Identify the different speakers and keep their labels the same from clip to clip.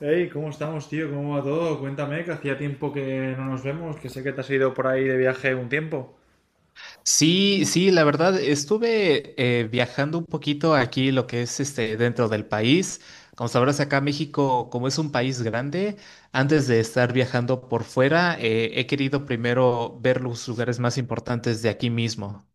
Speaker 1: Hey, ¿cómo estamos, tío? ¿Cómo va todo? Cuéntame, que hacía tiempo que no nos vemos, que sé que te has ido por ahí de viaje un tiempo.
Speaker 2: Sí, sí, la verdad, estuve viajando un poquito aquí, lo que es este, dentro del país. Como sabrás, acá México, como es un país grande, antes de estar viajando por fuera, he querido primero ver los lugares más importantes de aquí mismo.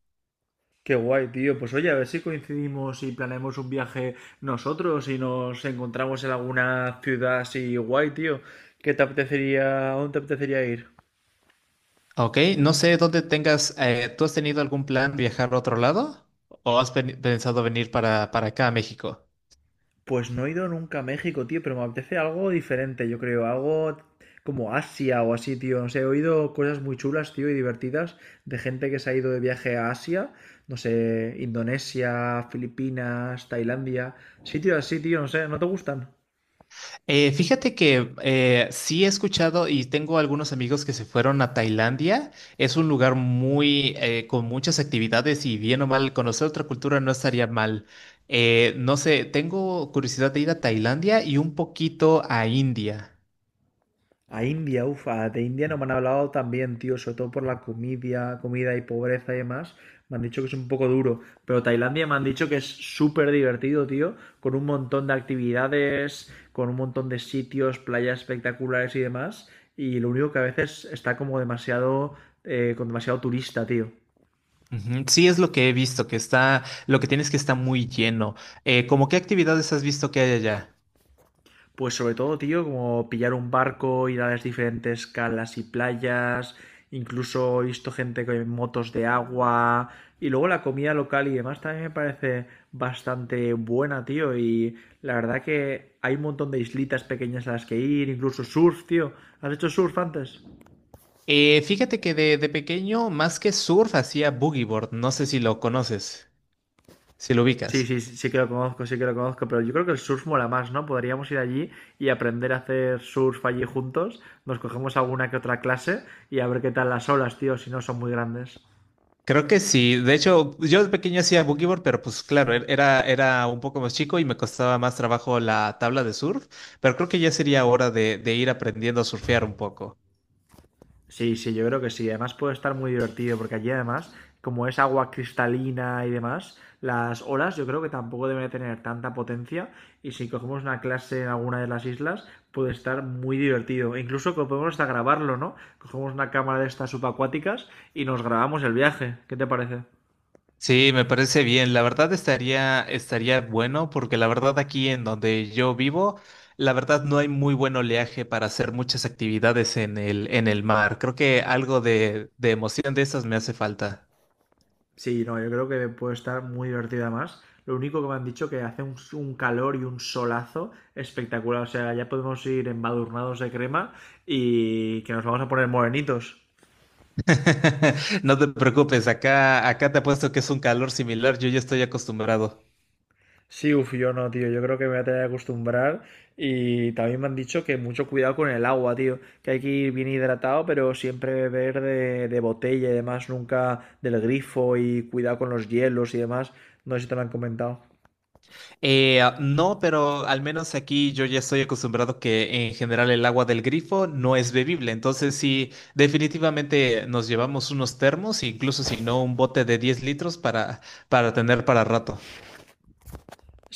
Speaker 1: Qué guay, tío. Pues oye, a ver si coincidimos y planeamos un viaje nosotros y nos encontramos en alguna ciudad así guay, tío. ¿Qué te apetecería, a dónde te apetecería ir?
Speaker 2: ¿Ok? No sé dónde tengas, ¿tú has tenido algún plan viajar a otro lado? ¿O has pensado venir para acá a México?
Speaker 1: Pues no he ido nunca a México, tío, pero me apetece algo diferente, yo creo, algo como Asia o así, tío. No sé, he oído cosas muy chulas, tío, y divertidas de gente que se ha ido de viaje a Asia, no sé, Indonesia, Filipinas, Tailandia, sitios así, tío, no sé, ¿no te gustan?
Speaker 2: Fíjate que sí he escuchado y tengo algunos amigos que se fueron a Tailandia. Es un lugar muy con muchas actividades y bien o mal conocer otra cultura no estaría mal. No sé, tengo curiosidad de ir a Tailandia y un poquito a India.
Speaker 1: A India, ufa, de India no me han hablado tan bien, tío, sobre todo por la comida, comida y pobreza y demás. Me han dicho que es un poco duro, pero Tailandia me han dicho que es súper divertido, tío, con un montón de actividades, con un montón de sitios, playas espectaculares y demás. Y lo único que a veces está como demasiado, con demasiado turista, tío.
Speaker 2: Ujú, sí, es lo que he visto, que está, lo que tienes que está muy lleno. ¿Cómo qué actividades has visto que hay allá?
Speaker 1: Pues sobre todo, tío, como pillar un barco, ir a las diferentes calas y playas, incluso he visto gente con motos de agua y luego la comida local y demás también me parece bastante buena, tío, y la verdad que hay un montón de islitas pequeñas a las que ir, incluso surf, tío. ¿Has hecho surf antes?
Speaker 2: Fíjate que de pequeño, más que surf, hacía boogie board. No sé si lo conoces, si lo
Speaker 1: Sí, sí,
Speaker 2: ubicas.
Speaker 1: sí, sí que lo conozco, sí que lo conozco, pero yo creo que el surf mola más, ¿no? Podríamos ir allí y aprender a hacer surf allí juntos, nos cogemos alguna que otra clase y a ver qué tal las olas, tío, si no son muy grandes.
Speaker 2: Creo que sí. De hecho, yo de pequeño hacía boogie board, pero pues claro, era un poco más chico y me costaba más trabajo la tabla de surf, pero creo que ya sería hora de ir aprendiendo a surfear un poco.
Speaker 1: Sí, sí, yo creo que sí. Además puede estar muy divertido porque allí además, como es agua cristalina y demás, las olas yo creo que tampoco deben de tener tanta potencia y si cogemos una clase en alguna de las islas puede estar muy divertido. E incluso que podemos hasta grabarlo, ¿no? Cogemos una cámara de estas subacuáticas y nos grabamos el viaje. ¿Qué te parece?
Speaker 2: Sí, me parece bien. La verdad estaría bueno porque la verdad aquí en donde yo vivo, la verdad no hay muy buen oleaje para hacer muchas actividades en el mar. Creo que algo de emoción de esas me hace falta.
Speaker 1: Sí, no, yo creo que puede estar muy divertida más. Lo único que me han dicho que hace un calor y un solazo espectacular. O sea, ya podemos ir embadurnados de crema y que nos vamos a poner morenitos.
Speaker 2: No te preocupes, acá, acá te apuesto que es un calor similar, yo ya estoy acostumbrado.
Speaker 1: Sí, uf, yo no, tío. Yo creo que me voy a tener que acostumbrar. Y también me han dicho que mucho cuidado con el agua, tío. Que hay que ir bien hidratado, pero siempre beber de botella y demás, nunca del grifo y cuidado con los hielos y demás. No sé si te lo han comentado.
Speaker 2: No, pero al menos aquí yo ya estoy acostumbrado que en general el agua del grifo no es bebible, entonces sí, definitivamente nos llevamos unos termos, incluso si no un bote de 10 litros para tener para rato.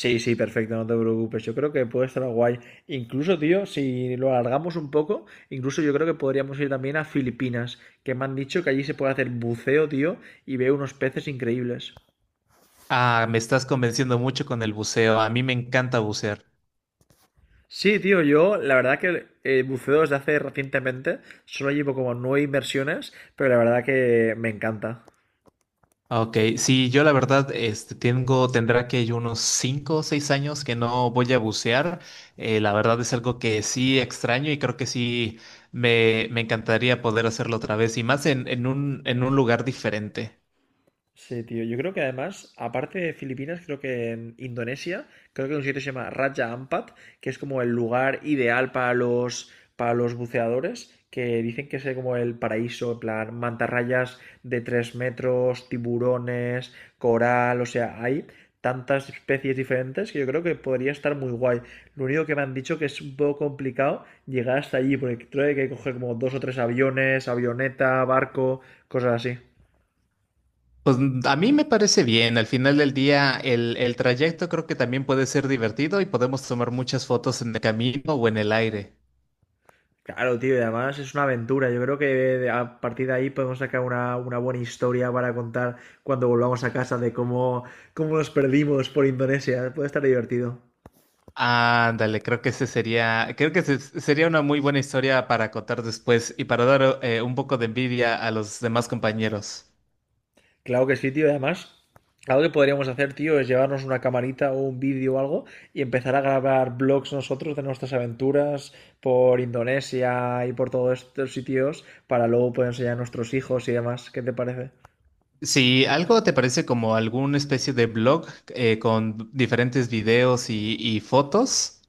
Speaker 1: Sí, sí, perfecto, no te preocupes. Yo creo que puede estar guay. Incluso, tío, si lo alargamos un poco, incluso yo creo que podríamos ir también a Filipinas, que me han dicho que allí se puede hacer buceo, tío, y veo unos peces increíbles.
Speaker 2: Ah, me estás convenciendo mucho con el buceo, a mí me encanta bucear.
Speaker 1: Sí, tío, yo la verdad que buceo desde hace recientemente, solo llevo como nueve inversiones, pero la verdad que me encanta.
Speaker 2: Ok, sí, yo la verdad este, tengo, tendrá que yo unos 5, o 6 años que no voy a bucear. La verdad es algo que sí extraño y creo que sí me encantaría poder hacerlo otra vez y más en un lugar diferente.
Speaker 1: Sí, tío. Yo creo que además, aparte de Filipinas, creo que en Indonesia, creo que hay un sitio que se llama Raja Ampat, que es como el lugar ideal para los buceadores, que dicen que es como el paraíso, en plan, mantarrayas de 3 metros, tiburones, coral, o sea, hay tantas especies diferentes que yo creo que podría estar muy guay. Lo único que me han dicho que es un poco complicado llegar hasta allí, porque creo que hay que coger como dos o tres aviones, avioneta, barco, cosas así.
Speaker 2: Pues a mí me parece bien, al final del día el trayecto creo que también puede ser divertido y podemos tomar muchas fotos en el camino o en el aire.
Speaker 1: Claro, tío, y además es una aventura. Yo creo que a partir de ahí podemos sacar una buena historia para contar cuando volvamos a casa de cómo, cómo nos perdimos por Indonesia. Puede estar divertido.
Speaker 2: Ándale, creo que ese sería una muy buena historia para contar después y para dar un poco de envidia a los demás compañeros.
Speaker 1: Claro que sí, tío. Y además, algo que podríamos hacer, tío, es llevarnos una camarita o un vídeo o algo y empezar a grabar vlogs nosotros de nuestras aventuras por Indonesia y por todos estos sitios para luego poder enseñar a nuestros hijos y demás. ¿Qué te parece?
Speaker 2: Si algo te parece como alguna especie de blog, con diferentes videos y fotos.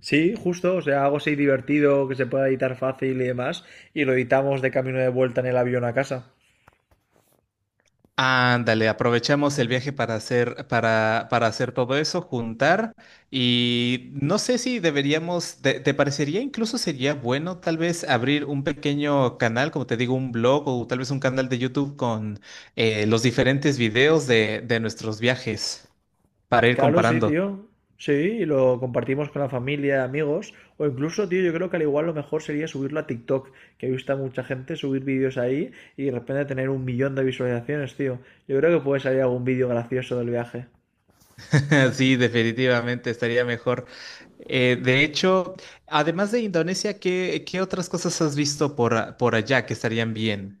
Speaker 1: Sí, justo, o sea, algo así divertido que se pueda editar fácil y demás, y lo editamos de camino de vuelta en el avión a casa.
Speaker 2: Ándale, aprovechamos el viaje para hacer, para hacer todo eso, juntar, y no sé si deberíamos, te parecería incluso sería bueno tal vez abrir un pequeño canal, como te digo, un blog o tal vez un canal de YouTube con los diferentes videos de nuestros viajes para ir
Speaker 1: Claro, sí,
Speaker 2: comparando.
Speaker 1: tío. Sí, y lo compartimos con la familia, amigos, o incluso, tío, yo creo que al igual lo mejor sería subirlo a TikTok, que he visto a mucha gente subir vídeos ahí y de repente tener un millón de visualizaciones, tío. Yo creo que puede salir algún vídeo gracioso del viaje.
Speaker 2: Sí, definitivamente estaría mejor. De hecho, además de Indonesia, ¿qué otras cosas has visto por, por allá que estarían bien?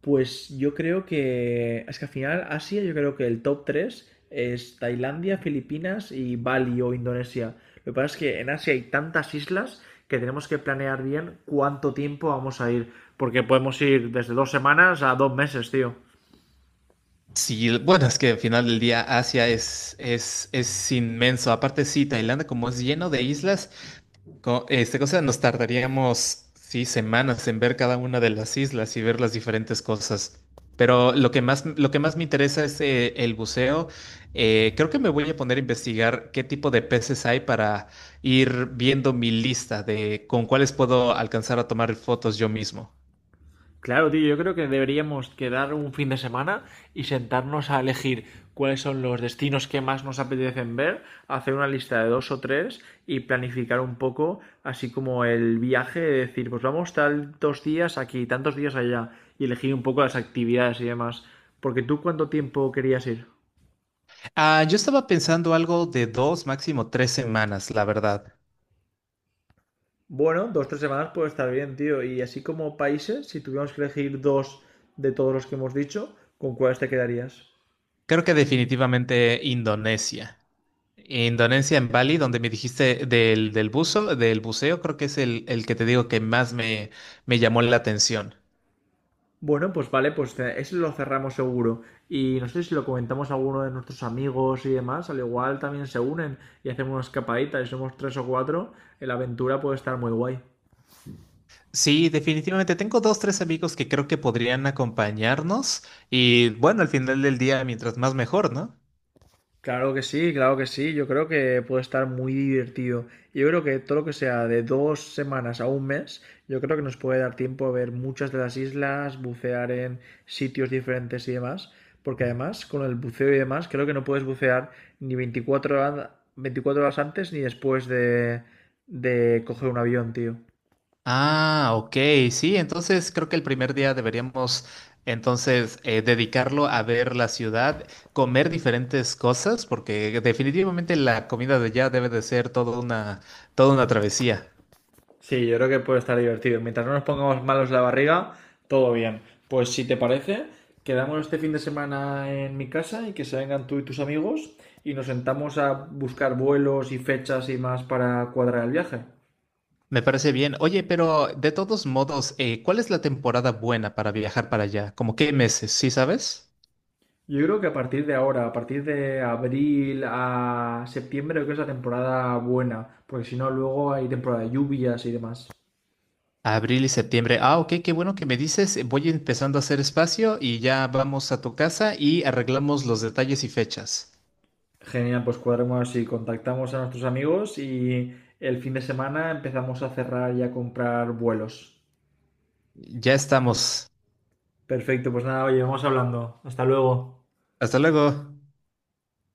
Speaker 1: Pues yo creo que. Es que al final, Asia, yo creo que el top 3 es Tailandia, Filipinas y Bali o Indonesia. Lo que pasa es que en Asia hay tantas islas que tenemos que planear bien cuánto tiempo vamos a ir. Porque podemos ir desde dos semanas a dos meses, tío.
Speaker 2: Sí, bueno, es que al final del día Asia es inmenso. Aparte, sí, Tailandia, como es lleno de islas, este cosa nos tardaríamos, sí, semanas en ver cada una de las islas y ver las diferentes cosas. Pero lo que más me interesa es, el buceo. Creo que me voy a poner a investigar qué tipo de peces hay para ir viendo mi lista de con cuáles puedo alcanzar a tomar fotos yo mismo.
Speaker 1: Claro, tío, yo creo que deberíamos quedar un fin de semana y sentarnos a elegir cuáles son los destinos que más nos apetecen ver, hacer una lista de dos o tres y planificar un poco, así como el viaje, de decir, pues vamos tantos días aquí, tantos días allá, y elegir un poco las actividades y demás. Porque tú, ¿cuánto tiempo querías ir?
Speaker 2: Ah, yo estaba pensando algo de dos, máximo tres semanas, la verdad.
Speaker 1: Bueno, dos, o tres semanas puede estar bien, tío. Y así como países, si tuviéramos que elegir dos de todos los que hemos dicho, ¿con cuáles te quedarías?
Speaker 2: Creo que definitivamente Indonesia. Indonesia en Bali, donde me dijiste del buzo, del buceo, creo que es el que te digo que más me, me llamó la atención.
Speaker 1: Bueno, pues vale, pues eso lo cerramos seguro. Y no sé si lo comentamos a alguno de nuestros amigos y demás, al igual también se unen y hacemos una escapadita y somos tres o cuatro, la aventura puede estar muy guay.
Speaker 2: Sí, definitivamente. Tengo dos, tres amigos que creo que podrían acompañarnos y bueno, al final del día, mientras más mejor, ¿no?
Speaker 1: Claro que sí, claro que sí. Yo creo que puede estar muy divertido. Yo creo que todo lo que sea de dos semanas a un mes, yo creo que nos puede dar tiempo a ver muchas de las islas, bucear en sitios diferentes y demás. Porque además, con el buceo y demás, creo que no puedes bucear ni 24 horas, 24 horas antes ni después de coger un avión, tío.
Speaker 2: Ah, ok, sí, entonces creo que el primer día deberíamos entonces dedicarlo a ver la ciudad, comer diferentes cosas, porque definitivamente la comida de allá debe de ser toda una travesía.
Speaker 1: Sí, yo creo que puede estar divertido. Mientras no nos pongamos malos la barriga, todo bien. Pues si te parece, quedamos este fin de semana en mi casa y que se vengan tú y tus amigos y nos sentamos a buscar vuelos y fechas y más para cuadrar el viaje.
Speaker 2: Me parece bien. Oye, pero de todos modos, ¿cuál es la temporada buena para viajar para allá? ¿Cómo qué meses? ¿Sí sabes?
Speaker 1: Yo creo que a partir de ahora, a partir de abril a septiembre, creo que es la temporada buena, porque si no, luego hay temporada de lluvias y demás.
Speaker 2: Abril y septiembre. Ah, ok, qué bueno que me dices. Voy empezando a hacer espacio y ya vamos a tu casa y arreglamos los detalles y fechas.
Speaker 1: Genial, pues cuadremos y contactamos a nuestros amigos y el fin de semana empezamos a cerrar y a comprar vuelos.
Speaker 2: Ya estamos.
Speaker 1: Perfecto, pues nada, oye, vamos hablando. Hasta luego.
Speaker 2: Hasta luego.